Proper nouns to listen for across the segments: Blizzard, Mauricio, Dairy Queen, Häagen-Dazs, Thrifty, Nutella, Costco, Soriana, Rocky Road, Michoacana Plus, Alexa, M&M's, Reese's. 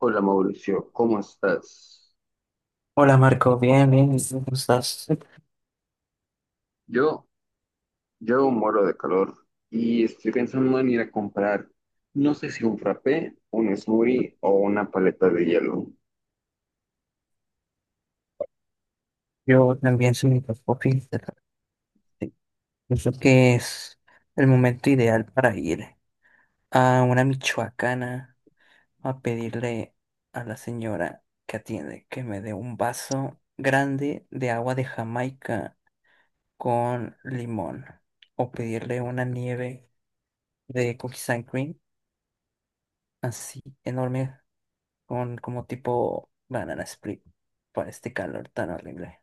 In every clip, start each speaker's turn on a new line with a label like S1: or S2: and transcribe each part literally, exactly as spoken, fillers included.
S1: Hola Mauricio, ¿cómo estás?
S2: Hola Marco, bien, bien, ¿y tú, ¿cómo estás?
S1: Yo, yo muero de calor y estoy pensando en ir a comprar, no sé si un frappé, un smoothie o una paleta de hielo.
S2: Yo también soy microscopista. Sí. Pienso que es el momento ideal para ir a una michoacana a pedirle a la señora que atiende que me dé un vaso grande de agua de Jamaica con limón o pedirle una nieve de cookies and cream así enorme con como tipo banana split para este calor tan horrible.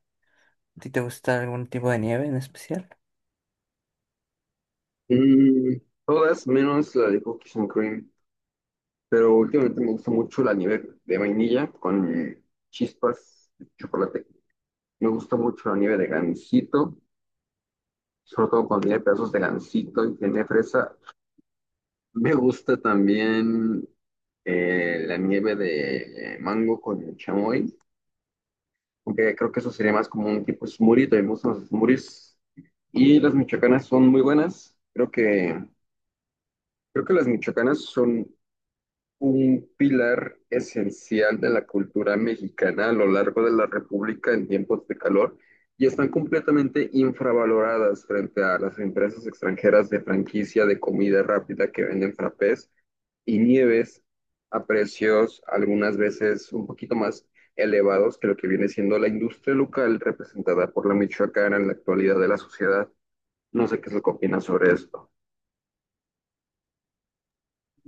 S2: ¿A ti te gusta algún tipo de nieve en especial?
S1: Mm, todas menos la de cookies and cream, pero últimamente me gusta mucho la nieve de vainilla con chispas de chocolate. Me gusta mucho la nieve de gansito, sobre todo cuando tiene pedazos de gansito y tiene fresa. Me gusta también eh, la nieve de mango con chamoy, aunque creo que eso sería más como un tipo smoothie, también me gustan los smoothies. Y las michoacanas son muy buenas. Creo que, creo que las michoacanas son un pilar esencial de la cultura mexicana a lo largo de la República en tiempos de calor y están completamente infravaloradas frente a las empresas extranjeras de franquicia de comida rápida que venden frappés y nieves a precios algunas veces un poquito más elevados que lo que viene siendo la industria local representada por la Michoacana en la actualidad de la sociedad. No sé qué es lo que opinas sobre esto.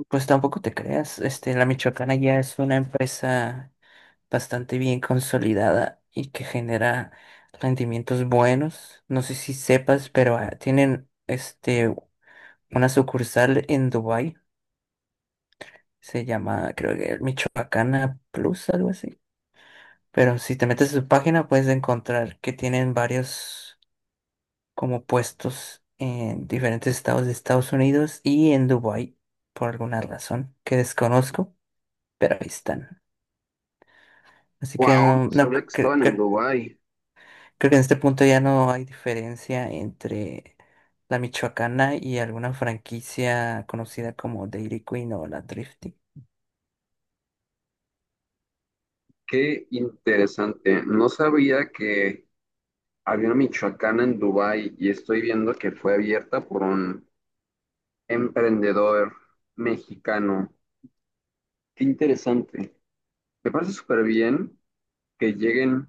S2: Pues tampoco te creas, este, la Michoacana ya es una empresa bastante bien consolidada y que genera rendimientos buenos. No sé si sepas, pero ah, tienen este una sucursal en Dubái, se llama creo que Michoacana Plus, algo así. Pero si te metes a su página puedes encontrar que tienen varios como puestos en diferentes estados de Estados Unidos y en Dubái, por alguna razón que desconozco, pero ahí están. Así que
S1: Wow, no
S2: no, no
S1: sabía que
S2: cre- cre-
S1: estaban en
S2: cre-
S1: Dubái.
S2: creo que en este punto ya no hay diferencia entre la Michoacana y alguna franquicia conocida como Dairy Queen o la Thrifty.
S1: Qué interesante. No sabía que había una Michoacana en Dubái y estoy viendo que fue abierta por un emprendedor mexicano. Qué interesante. Me parece súper bien que lleguen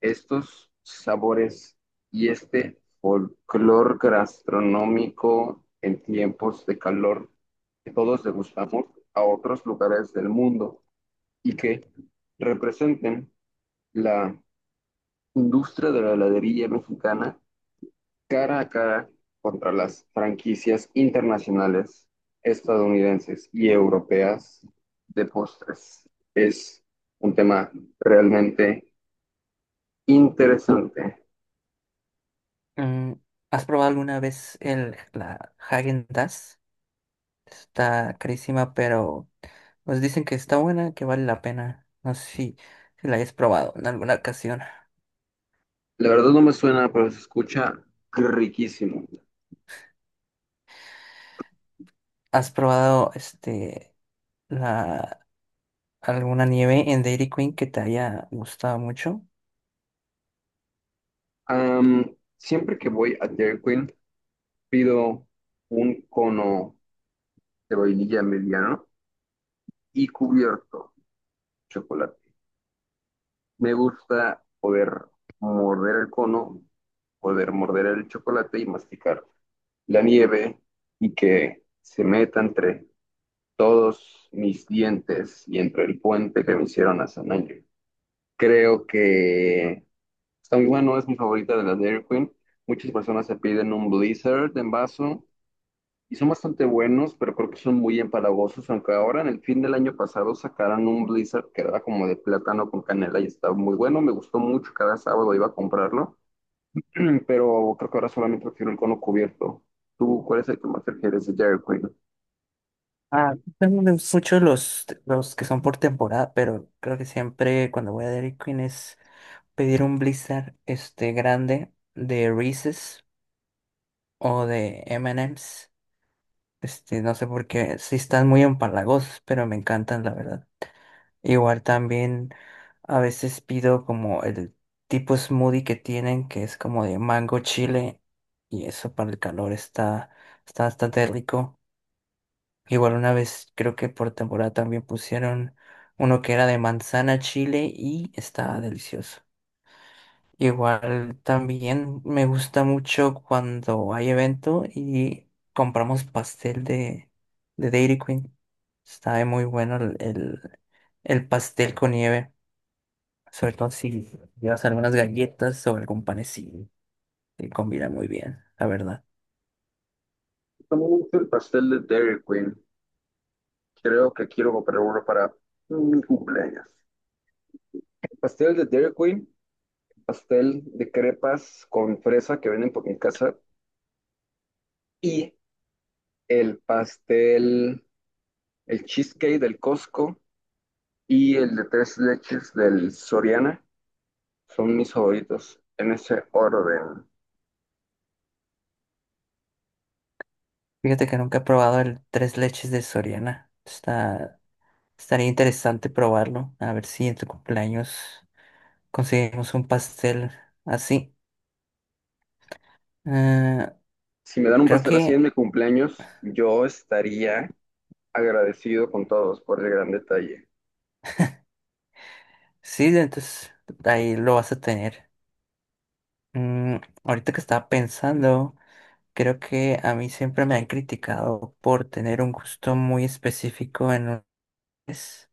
S1: estos sabores y este folclor gastronómico en tiempos de calor que todos degustamos a otros lugares del mundo y que representen la industria de la heladería mexicana cara a cara contra las franquicias internacionales, estadounidenses y europeas de postres. Es un tema realmente interesante.
S2: Mm, ¿has probado alguna vez el, la Häagen-Dazs? Está carísima, pero nos dicen que está buena, que vale la pena. No sé si, si la hayas probado en alguna ocasión.
S1: La verdad no me suena, pero se escucha riquísimo.
S2: ¿Has probado este la alguna nieve en Dairy Queen que te haya gustado mucho?
S1: Am, siempre que voy a Dairy Queen, pido un cono de vainilla mediano y cubierto de chocolate. Me gusta poder morder el cono, poder morder el chocolate y masticar la nieve y que se meta entre todos mis dientes y entre el puente que me hicieron hace un año. Creo que está muy bueno, es mi favorita de la Dairy Queen. Muchas personas se piden un Blizzard en vaso y son bastante buenos, pero creo que son muy empalagosos, aunque ahora en el fin del año pasado sacaron un Blizzard que era como de plátano con canela y estaba muy bueno, me gustó mucho, cada sábado iba a comprarlo, pero creo que ahora solamente prefiero el cono cubierto. ¿Tú cuál es el que más prefieres de Dairy Queen?
S2: Ah, también me gustan mucho los, los que son por temporada, pero creo que siempre cuando voy a Dairy Queen es pedir un blizzard este grande de Reese's o de M and M's. Este, no sé por qué, sí están muy empalagosos, pero me encantan, la verdad. Igual también a veces pido como el tipo smoothie que tienen, que es como de mango chile, y eso para el calor está, está bastante rico. Igual una vez, creo que por temporada también pusieron uno que era de manzana chile y estaba delicioso. Igual también me gusta mucho cuando hay evento y compramos pastel de, de Dairy Queen. Está muy bueno el, el, el pastel con nieve, sobre todo si llevas algunas galletas o algún panecillo. Te combina muy bien, la verdad.
S1: También me gusta el pastel de Dairy Queen. Creo que quiero comprar uno para mi cumpleaños. Pastel de Dairy Queen, pastel de crepas con fresa que venden por mi casa y el pastel, el cheesecake del Costco y el de tres leches del Soriana son mis favoritos en ese orden.
S2: Fíjate que nunca he probado el tres leches de Soriana. Está, estaría interesante probarlo. A ver si en tu cumpleaños conseguimos un pastel así. Eh,
S1: Si me dan un
S2: creo
S1: pastel así en
S2: que
S1: mi cumpleaños, yo estaría agradecido con todos por el gran detalle.
S2: Sí, entonces ahí lo vas a tener. Mm, ahorita que estaba pensando, creo que a mí siempre me han criticado por tener un gusto muy específico en un es-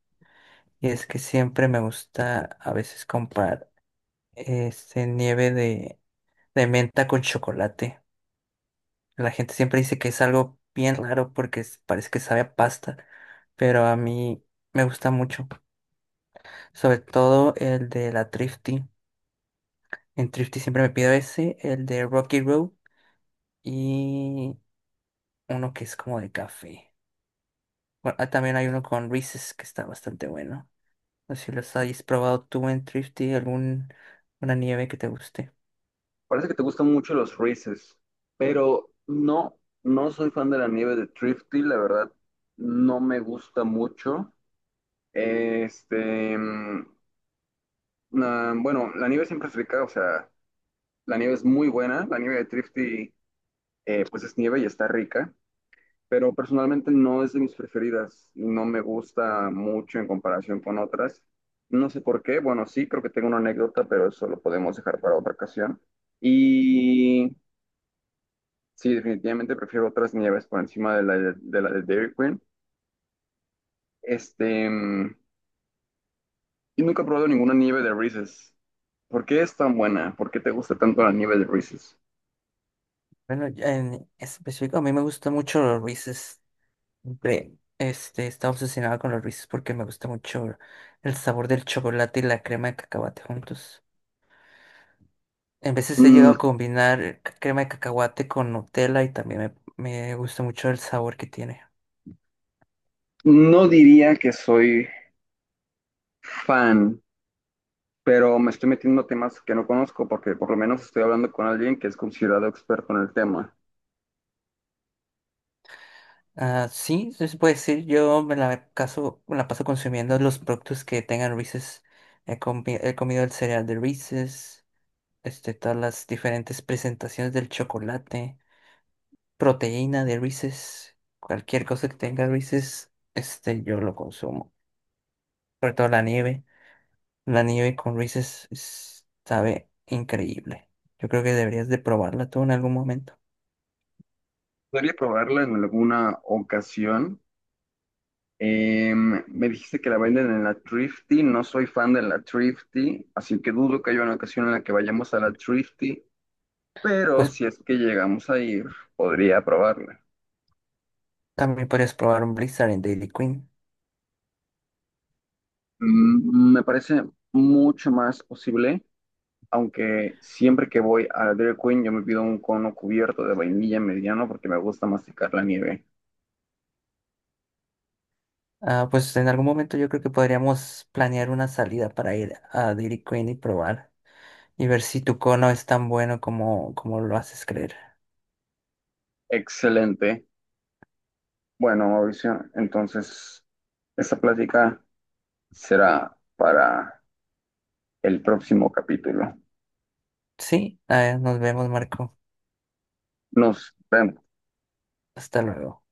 S2: y es que siempre me gusta a veces comprar este nieve de, de menta con chocolate. La gente siempre dice que es algo bien raro porque es- parece que sabe a pasta, pero a mí me gusta mucho. Sobre todo el de la Thrifty. En Thrifty siempre me pido ese, el de Rocky Road. Y uno que es como de café. Bueno, ah, también hay uno con Reese's que está bastante bueno. No sé si los hayas probado tú en Thrifty, algún una nieve que te guste.
S1: Parece que te gustan mucho los Reese's, pero no, no soy fan de la nieve de Thrifty, la verdad, no me gusta mucho. Este, mm, nah, bueno, la nieve siempre es rica, o sea, la nieve es muy buena, la nieve de Trifty eh, pues es nieve y está rica, pero personalmente no es de mis preferidas, no me gusta mucho en comparación con otras. No sé por qué, bueno, sí, creo que tengo una anécdota, pero eso lo podemos dejar para otra ocasión. Y sí, definitivamente prefiero otras nieves por encima de la de, de la de Dairy Queen. Este, mm, y nunca he probado ninguna nieve de Reese's. ¿Por qué es tan buena? ¿Por qué te gusta tanto la nieve de Reese's?
S2: Bueno, ya en específico, a mí me gusta mucho los Reese's. Siempre, Este, estaba obsesionado con los Reese's porque me gusta mucho el sabor del chocolate y la crema de cacahuate juntos. En veces he
S1: Mm,
S2: llegado a combinar crema de cacahuate con Nutella y también me, me gusta mucho el sabor que tiene.
S1: no diría que soy fan, pero me estoy metiendo a temas que no conozco porque por lo menos estoy hablando con alguien que es considerado experto en el tema.
S2: Ah, sí, sí se puede decir, yo me la, caso, me la paso consumiendo los productos que tengan Reese's. He, comi- he comido el cereal de Reese's, este, todas las diferentes presentaciones del chocolate, proteína de Reese's, cualquier cosa que tenga Reese's, este, yo lo consumo. Sobre todo la nieve, la nieve con Reese's es- sabe increíble. Yo creo que deberías de probarla tú en algún momento.
S1: Podría probarla en alguna ocasión. Em, me dijiste que la venden en la Thrifty, no soy fan de la Thrifty, así que dudo que haya una ocasión en la que vayamos a la Thrifty, pero
S2: Pues
S1: si es que llegamos a ir, podría probarla.
S2: también podrías probar un Blizzard en Daily Queen.
S1: Mm, me parece mucho más posible, aunque siempre que voy a Dairy Queen yo me pido un cono cubierto de vainilla mediano porque me gusta masticar la nieve.
S2: Ah, pues en algún momento yo creo que podríamos planear una salida para ir a Dairy Queen y probar y ver si tu cono es tan bueno como, como lo haces creer.
S1: Excelente. Bueno, Mauricio, entonces esta plática será para el próximo capítulo.
S2: Sí, ah, nos vemos, Marco.
S1: Nos vemos.
S2: Hasta luego.